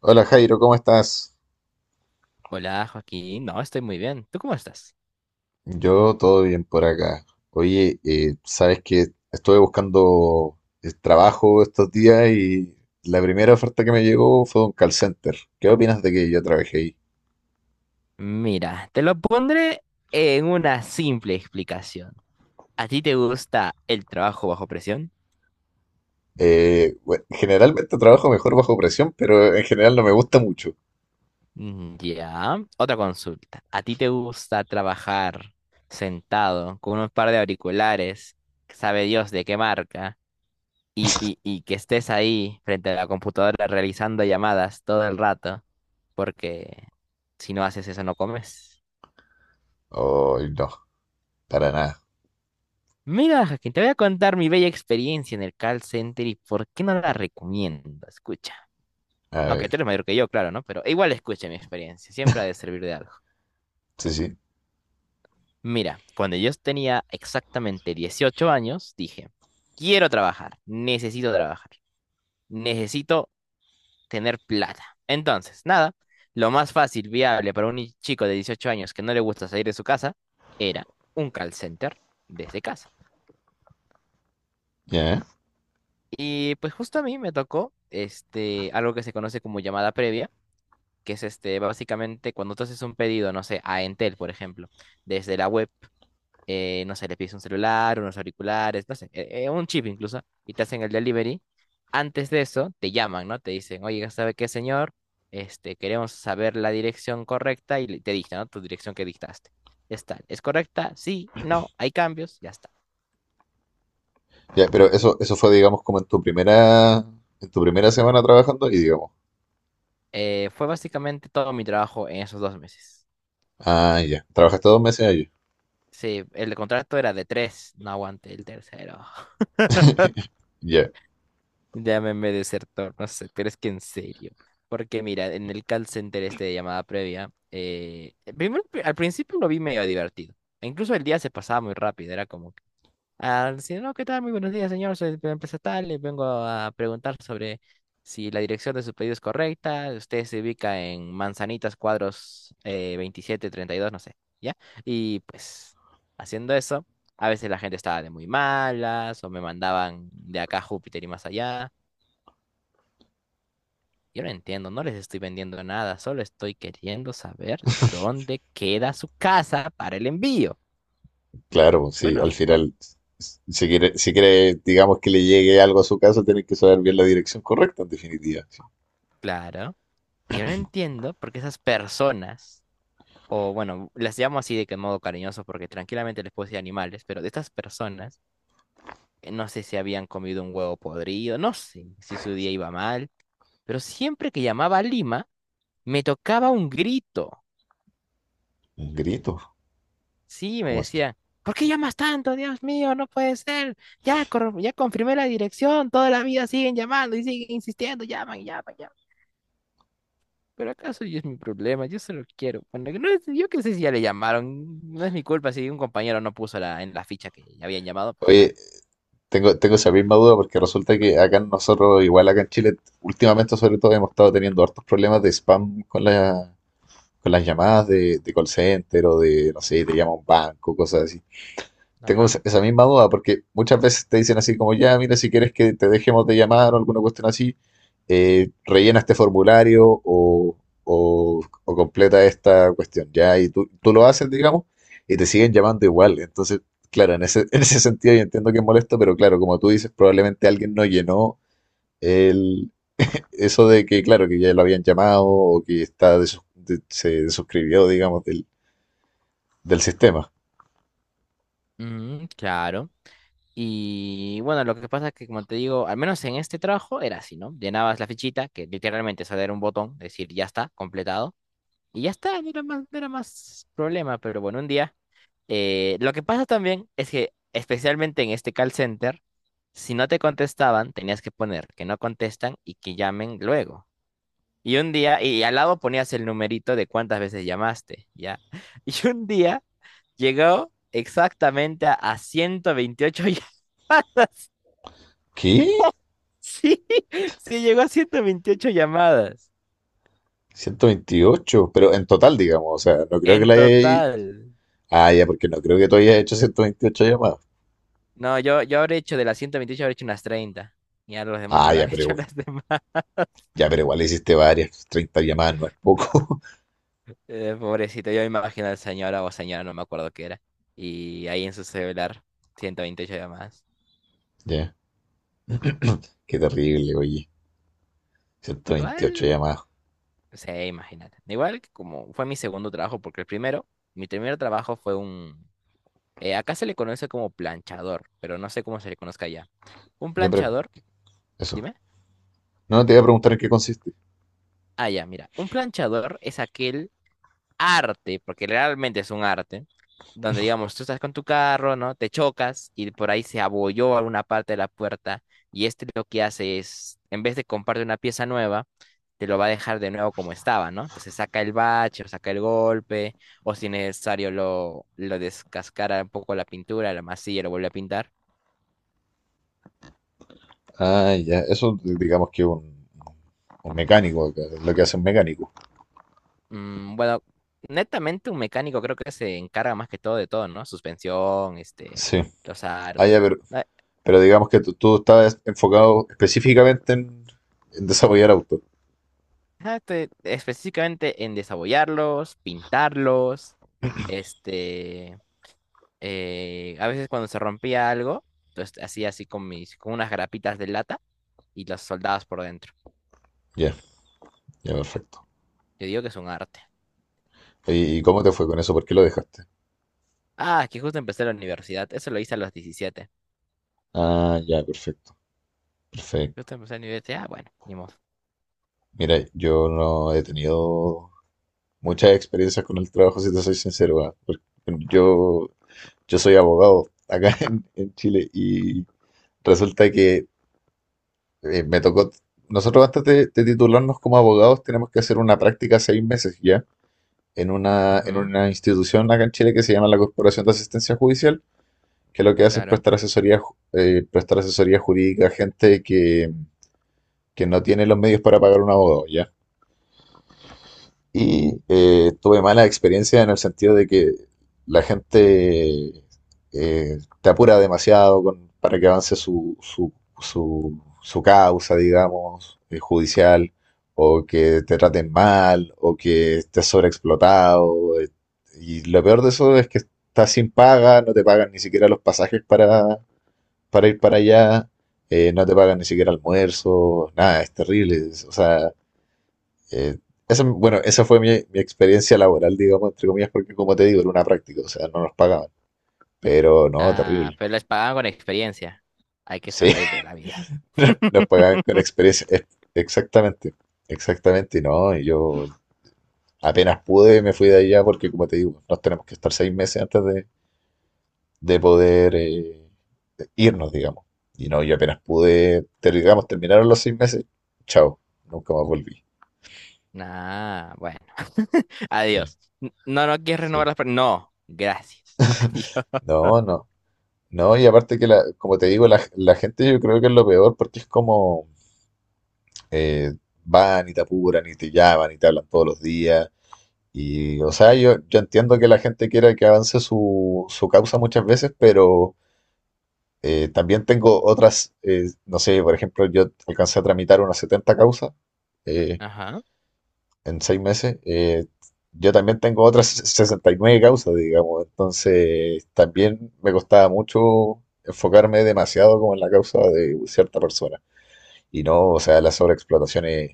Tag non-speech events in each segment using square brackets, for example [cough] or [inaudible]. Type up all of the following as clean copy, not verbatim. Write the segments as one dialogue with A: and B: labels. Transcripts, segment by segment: A: Hola Jairo, ¿cómo estás?
B: Hola, Joaquín. No, estoy muy bien. ¿Tú cómo estás?
A: Yo todo bien por acá. Oye, sabes que estuve buscando trabajo estos días y la primera oferta que me llegó fue de un call center. ¿Qué opinas de que yo trabajé ahí?
B: Mira, te lo pondré en una simple explicación. ¿A ti te gusta el trabajo bajo presión?
A: Bueno, generalmente trabajo mejor bajo presión, pero en general no me gusta mucho.
B: Mm, ya. Otra consulta. ¿A ti te gusta trabajar sentado con un par de auriculares, sabe Dios de qué marca, y que estés ahí frente a la computadora realizando llamadas todo el rato? Porque si no haces eso, no comes.
A: Ay, no, para nada.
B: Mira, Jaquín, te voy a contar mi bella experiencia en el call center y por qué no la recomiendo. Escucha.
A: A
B: Aunque tú
A: ver,
B: eres mayor que yo, claro, ¿no? Pero igual escucha mi experiencia. Siempre ha de servir de algo.
A: sí, sí.
B: Mira, cuando yo tenía exactamente 18 años, dije, quiero trabajar, necesito tener plata. Entonces, nada, lo más fácil, viable para un chico de 18 años que no le gusta salir de su casa era un call center desde casa.
A: Ya, ¿eh?
B: Y pues justo a mí me tocó este, algo que se conoce como llamada previa, que es este, básicamente cuando tú haces un pedido, no sé, a Entel, por ejemplo, desde la web, no sé, le pides un celular, unos auriculares, no sé, un chip incluso, y te hacen el delivery. Antes de eso, te llaman, ¿no? Te dicen, oye, ¿sabe qué, señor? Este, queremos saber la dirección correcta y te dicta, ¿no? Tu dirección que dictaste. Es tal, ¿es correcta? Sí, no, hay cambios, ya está.
A: Ya, pero eso fue, digamos, como en tu primera semana trabajando y digamos.
B: Fue básicamente todo mi trabajo en esos 2 meses.
A: Ah, ya. Trabajaste dos meses allí.
B: Sí, el contrato era de tres, no aguanté el tercero. [laughs]
A: Ya.
B: Llámeme desertor, no sé, pero es que en serio. Porque mira, en el call center este de llamada previa, al principio lo vi medio divertido, e incluso el día se pasaba muy rápido, era como al decir, no, ¿qué tal? Muy buenos días, señor. Soy de la empresa tal y vengo a preguntar sobre si la dirección de su pedido es correcta. Usted se ubica en Manzanitas Cuadros veintisiete treinta y dos no sé, ¿ya? Y pues, haciendo eso, a veces la gente estaba de muy malas o me mandaban de acá a Júpiter y más allá. Yo no entiendo, no les estoy vendiendo nada, solo estoy queriendo saber dónde queda su casa para el envío.
A: Claro, pues, sí,
B: Bueno,
A: al final,
B: bueno,
A: si quiere, si quiere, digamos, que le llegue algo a su casa, tiene que saber bien la dirección correcta, en definitiva. Sí.
B: claro. Y yo no entiendo por qué esas personas o bueno, las llamo así de que modo cariñoso porque tranquilamente les puedo decir animales, pero de estas personas, no sé si habían comido un huevo podrido, no sé si su día iba mal, pero siempre que llamaba a Lima, me tocaba un grito.
A: Un grito,
B: Sí, me
A: ¿cómo así?
B: decía, ¿por qué llamas tanto? Dios mío, no puede ser. Ya, ya confirmé la dirección, toda la vida siguen llamando y siguen insistiendo, llaman, llaman, llaman. Pero acaso yo es mi problema, yo solo quiero. Bueno, que no es- yo qué sé si ya le llamaron, no es mi culpa si un compañero no puso en la ficha que ya habían llamado, pues bueno.
A: Oye, tengo esa misma duda porque resulta que acá nosotros, igual acá en Chile, últimamente sobre todo hemos estado teniendo hartos problemas de spam con la, con las llamadas de call center o de, no sé, te llama un banco, cosas así. Tengo
B: Ajá.
A: esa misma duda porque muchas veces te dicen así como, ya, mira, si quieres que te dejemos de llamar o alguna cuestión así, rellena este formulario o, o completa esta cuestión, ya, y tú lo haces, digamos, y te siguen llamando igual. Entonces, claro, en ese, [laughs] en ese sentido yo entiendo que es molesto, pero claro, como tú dices, probablemente alguien no llenó el, eso de que, claro, que ya lo habían llamado o que está se desuscribió, digamos, del, del sistema.
B: Mm, claro. Y bueno, lo que pasa es que, como te digo, al menos en este trabajo era así, ¿no? Llenabas la fichita, que literalmente solo era un botón, decir ya está, completado, y ya está, no era más problema, pero bueno, un día. Lo que pasa también es que, especialmente en este call center, si no te contestaban, tenías que poner que no contestan y que llamen luego. Y un día, y al lado ponías el numerito de cuántas veces llamaste, ¿ya? [laughs] Y un día llegó exactamente a 128 llamadas. [laughs]
A: ¿Qué?
B: Sí, sí, llegó a 128 llamadas
A: 128, pero en total, digamos, o sea, no creo que
B: en
A: la hayas...
B: total.
A: Ah, ya, porque no creo que tú hayas hecho 128 llamadas.
B: No, yo habré hecho de las 128 habré hecho unas 30. Y a los demás
A: Ah, ya,
B: habrán [laughs]
A: pero
B: hecho
A: güey,
B: las demás.
A: ya, pero igual hiciste varias, 30 llamadas, no es poco. [laughs]
B: Pobrecito, yo me imagino al señor o señora, no me acuerdo qué era. Y ahí en su celular, 128 llamadas.
A: Ya, qué terrible, oye, 128
B: Igual,
A: llamadas.
B: sí, imagínate. Igual que como fue mi segundo trabajo, porque el primero, mi primer trabajo fue un... acá se le conoce como planchador, pero no sé cómo se le conozca allá. Un
A: Ya, pero
B: planchador,
A: eso.
B: dime.
A: No, te iba a preguntar en qué consiste.
B: Ah, ya, mira. Un planchador es aquel arte, porque realmente es un arte, donde digamos, tú estás con tu carro, ¿no? Te chocas y por ahí se abolló alguna parte de la puerta y este lo que hace es, en vez de comprarte una pieza nueva, te lo va a dejar de nuevo como estaba, ¿no? Entonces saca el bache, o saca el golpe, o si es necesario lo descascara un poco la pintura, la masilla, lo vuelve a pintar.
A: Ah, ya, eso digamos que un mecánico, lo que hace un mecánico.
B: Mm, bueno, netamente un mecánico creo que se encarga más que todo de todo, ¿no? Suspensión, este,
A: Sí.
B: los
A: Ah,
B: aros.
A: ya, pero digamos que tú estás enfocado específicamente en desarrollar autos.
B: Ajá, específicamente en desabollarlos, pintarlos, este, a veces cuando se rompía algo, entonces hacía así con unas grapitas de lata y las soldabas por dentro.
A: Ya, ya, perfecto.
B: Yo digo que es un arte.
A: Oye, ¿y cómo te fue con eso? ¿Por qué lo dejaste?
B: Ah, que justo empecé la universidad, eso lo hice a los 17.
A: Ah, ya, perfecto, perfecto.
B: Justo empecé la universidad, ah, bueno, ni modo.
A: Mira, yo no he tenido muchas experiencias con el trabajo, si te soy sincero, ah, porque yo, yo soy abogado acá [laughs] en Chile y resulta que me tocó, nosotros antes de titularnos como abogados tenemos que hacer una práctica 6 meses ya en
B: Ujú,
A: una institución acá en Chile que se llama la Corporación de Asistencia Judicial, que lo que hace es
B: claro.
A: prestar asesoría, prestar asesoría jurídica a gente que no tiene los medios para pagar un abogado, ¿ya? Y tuve mala experiencia en el sentido de que la gente te apura demasiado para que avance su, su, su causa, digamos, judicial, o que te traten mal, o que estés sobreexplotado. Y lo peor de eso es que estás sin paga, no te pagan ni siquiera los pasajes para ir para allá, no te pagan ni siquiera almuerzo, nada, es terrible. O sea, eh, esa, bueno, esa fue mi, mi experiencia laboral, digamos, entre comillas, porque como te digo, era una práctica, o sea, no nos pagaban. Pero no,
B: Ah,
A: terrible.
B: pero les pagaban con experiencia. Hay que
A: Sí,
B: sonreír de la vida.
A: [laughs] nos pagaban con
B: [laughs]
A: experiencia. Exactamente, exactamente, no. Y yo apenas pude, me fui de allá porque, como te digo, nos tenemos que estar 6 meses antes de poder irnos, digamos. Y no, yo apenas pude, digamos, terminaron los 6 meses, chao, nunca más volví.
B: Nah, bueno. [laughs]
A: Sí,
B: Adiós. No, no quieres renovar
A: sí.
B: las... No, gracias. [laughs] Adiós.
A: No, no. No, y aparte que, la, como te digo, la gente yo creo que es lo peor porque es como eh, van y te apuran y te llaman y te hablan todos los días. Y, o sea, yo entiendo que la gente quiera que avance su, su causa muchas veces, pero también tengo otras, no sé, por ejemplo, yo alcancé a tramitar unas 70 causas eh,
B: Ajá.
A: en 6 meses. Yo también tengo otras [laughs] 69 causas, digamos, entonces también me costaba mucho enfocarme demasiado como en la causa de cierta persona. Y no, o sea, la sobreexplotación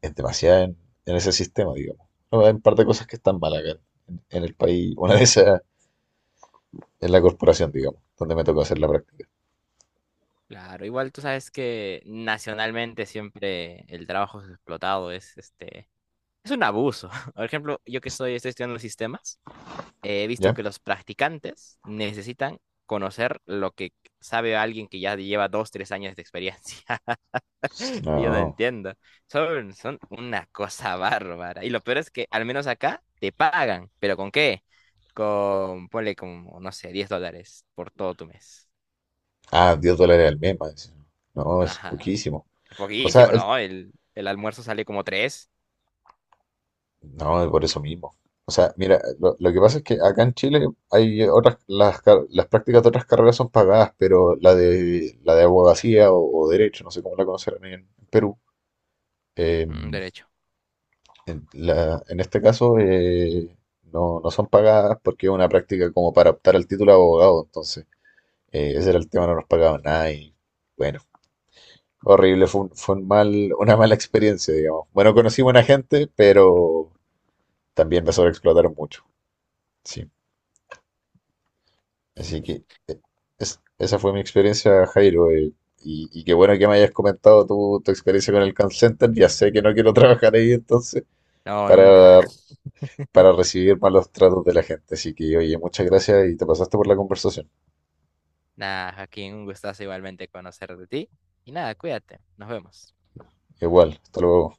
A: es demasiada en ese sistema, digamos. No, hay un par de cosas que están mal acá en el país. [laughs] Una de esas es la corporación, digamos, donde me tocó hacer la práctica.
B: Claro, igual tú sabes que nacionalmente siempre el trabajo es explotado, es este, es un abuso. [laughs] Por ejemplo, yo que estoy estudiando sistemas, he visto
A: ¿Ya?
B: que los practicantes necesitan conocer lo que sabe alguien que ya lleva dos, tres años de experiencia. [laughs] Yo no
A: No.
B: entiendo. Son una cosa bárbara. Y lo peor es que al menos acá te pagan. ¿Pero con qué? Con, ponle como, no sé, $10 por todo tu mes.
A: Ah, $10 al mes, más encima. No, es
B: Ajá.
A: poquísimo.
B: Es
A: O sea,
B: poquísimo,
A: el,
B: ¿no? El almuerzo sale como 3.
A: no, por eso mismo. O sea, mira, lo que pasa es que acá en Chile hay otras, las, las prácticas de otras carreras son pagadas, pero la de abogacía o derecho, no sé cómo la conocerán en Perú, eh,
B: Derecho.
A: en, en este caso no, no son pagadas porque es una práctica como para optar al título de abogado, entonces ese era el tema, no nos pagaban nada y bueno, horrible, fue, fue un mal, una mala experiencia, digamos. Bueno, conocí buena gente, pero también me sobreexplotaron mucho. Sí. Así que esa fue mi experiencia, Jairo. Y, y qué bueno que me hayas comentado tu, tu experiencia con el call center. Ya sé que no quiero [laughs] trabajar ahí entonces
B: No, nunca.
A: para,
B: [laughs]
A: para recibir malos tratos de la gente. Así que, oye, muchas gracias y te pasaste por la conversación.
B: Nada, Joaquín, un gustazo igualmente conocer de ti. Y nada, cuídate. Nos vemos.
A: Igual, hasta luego.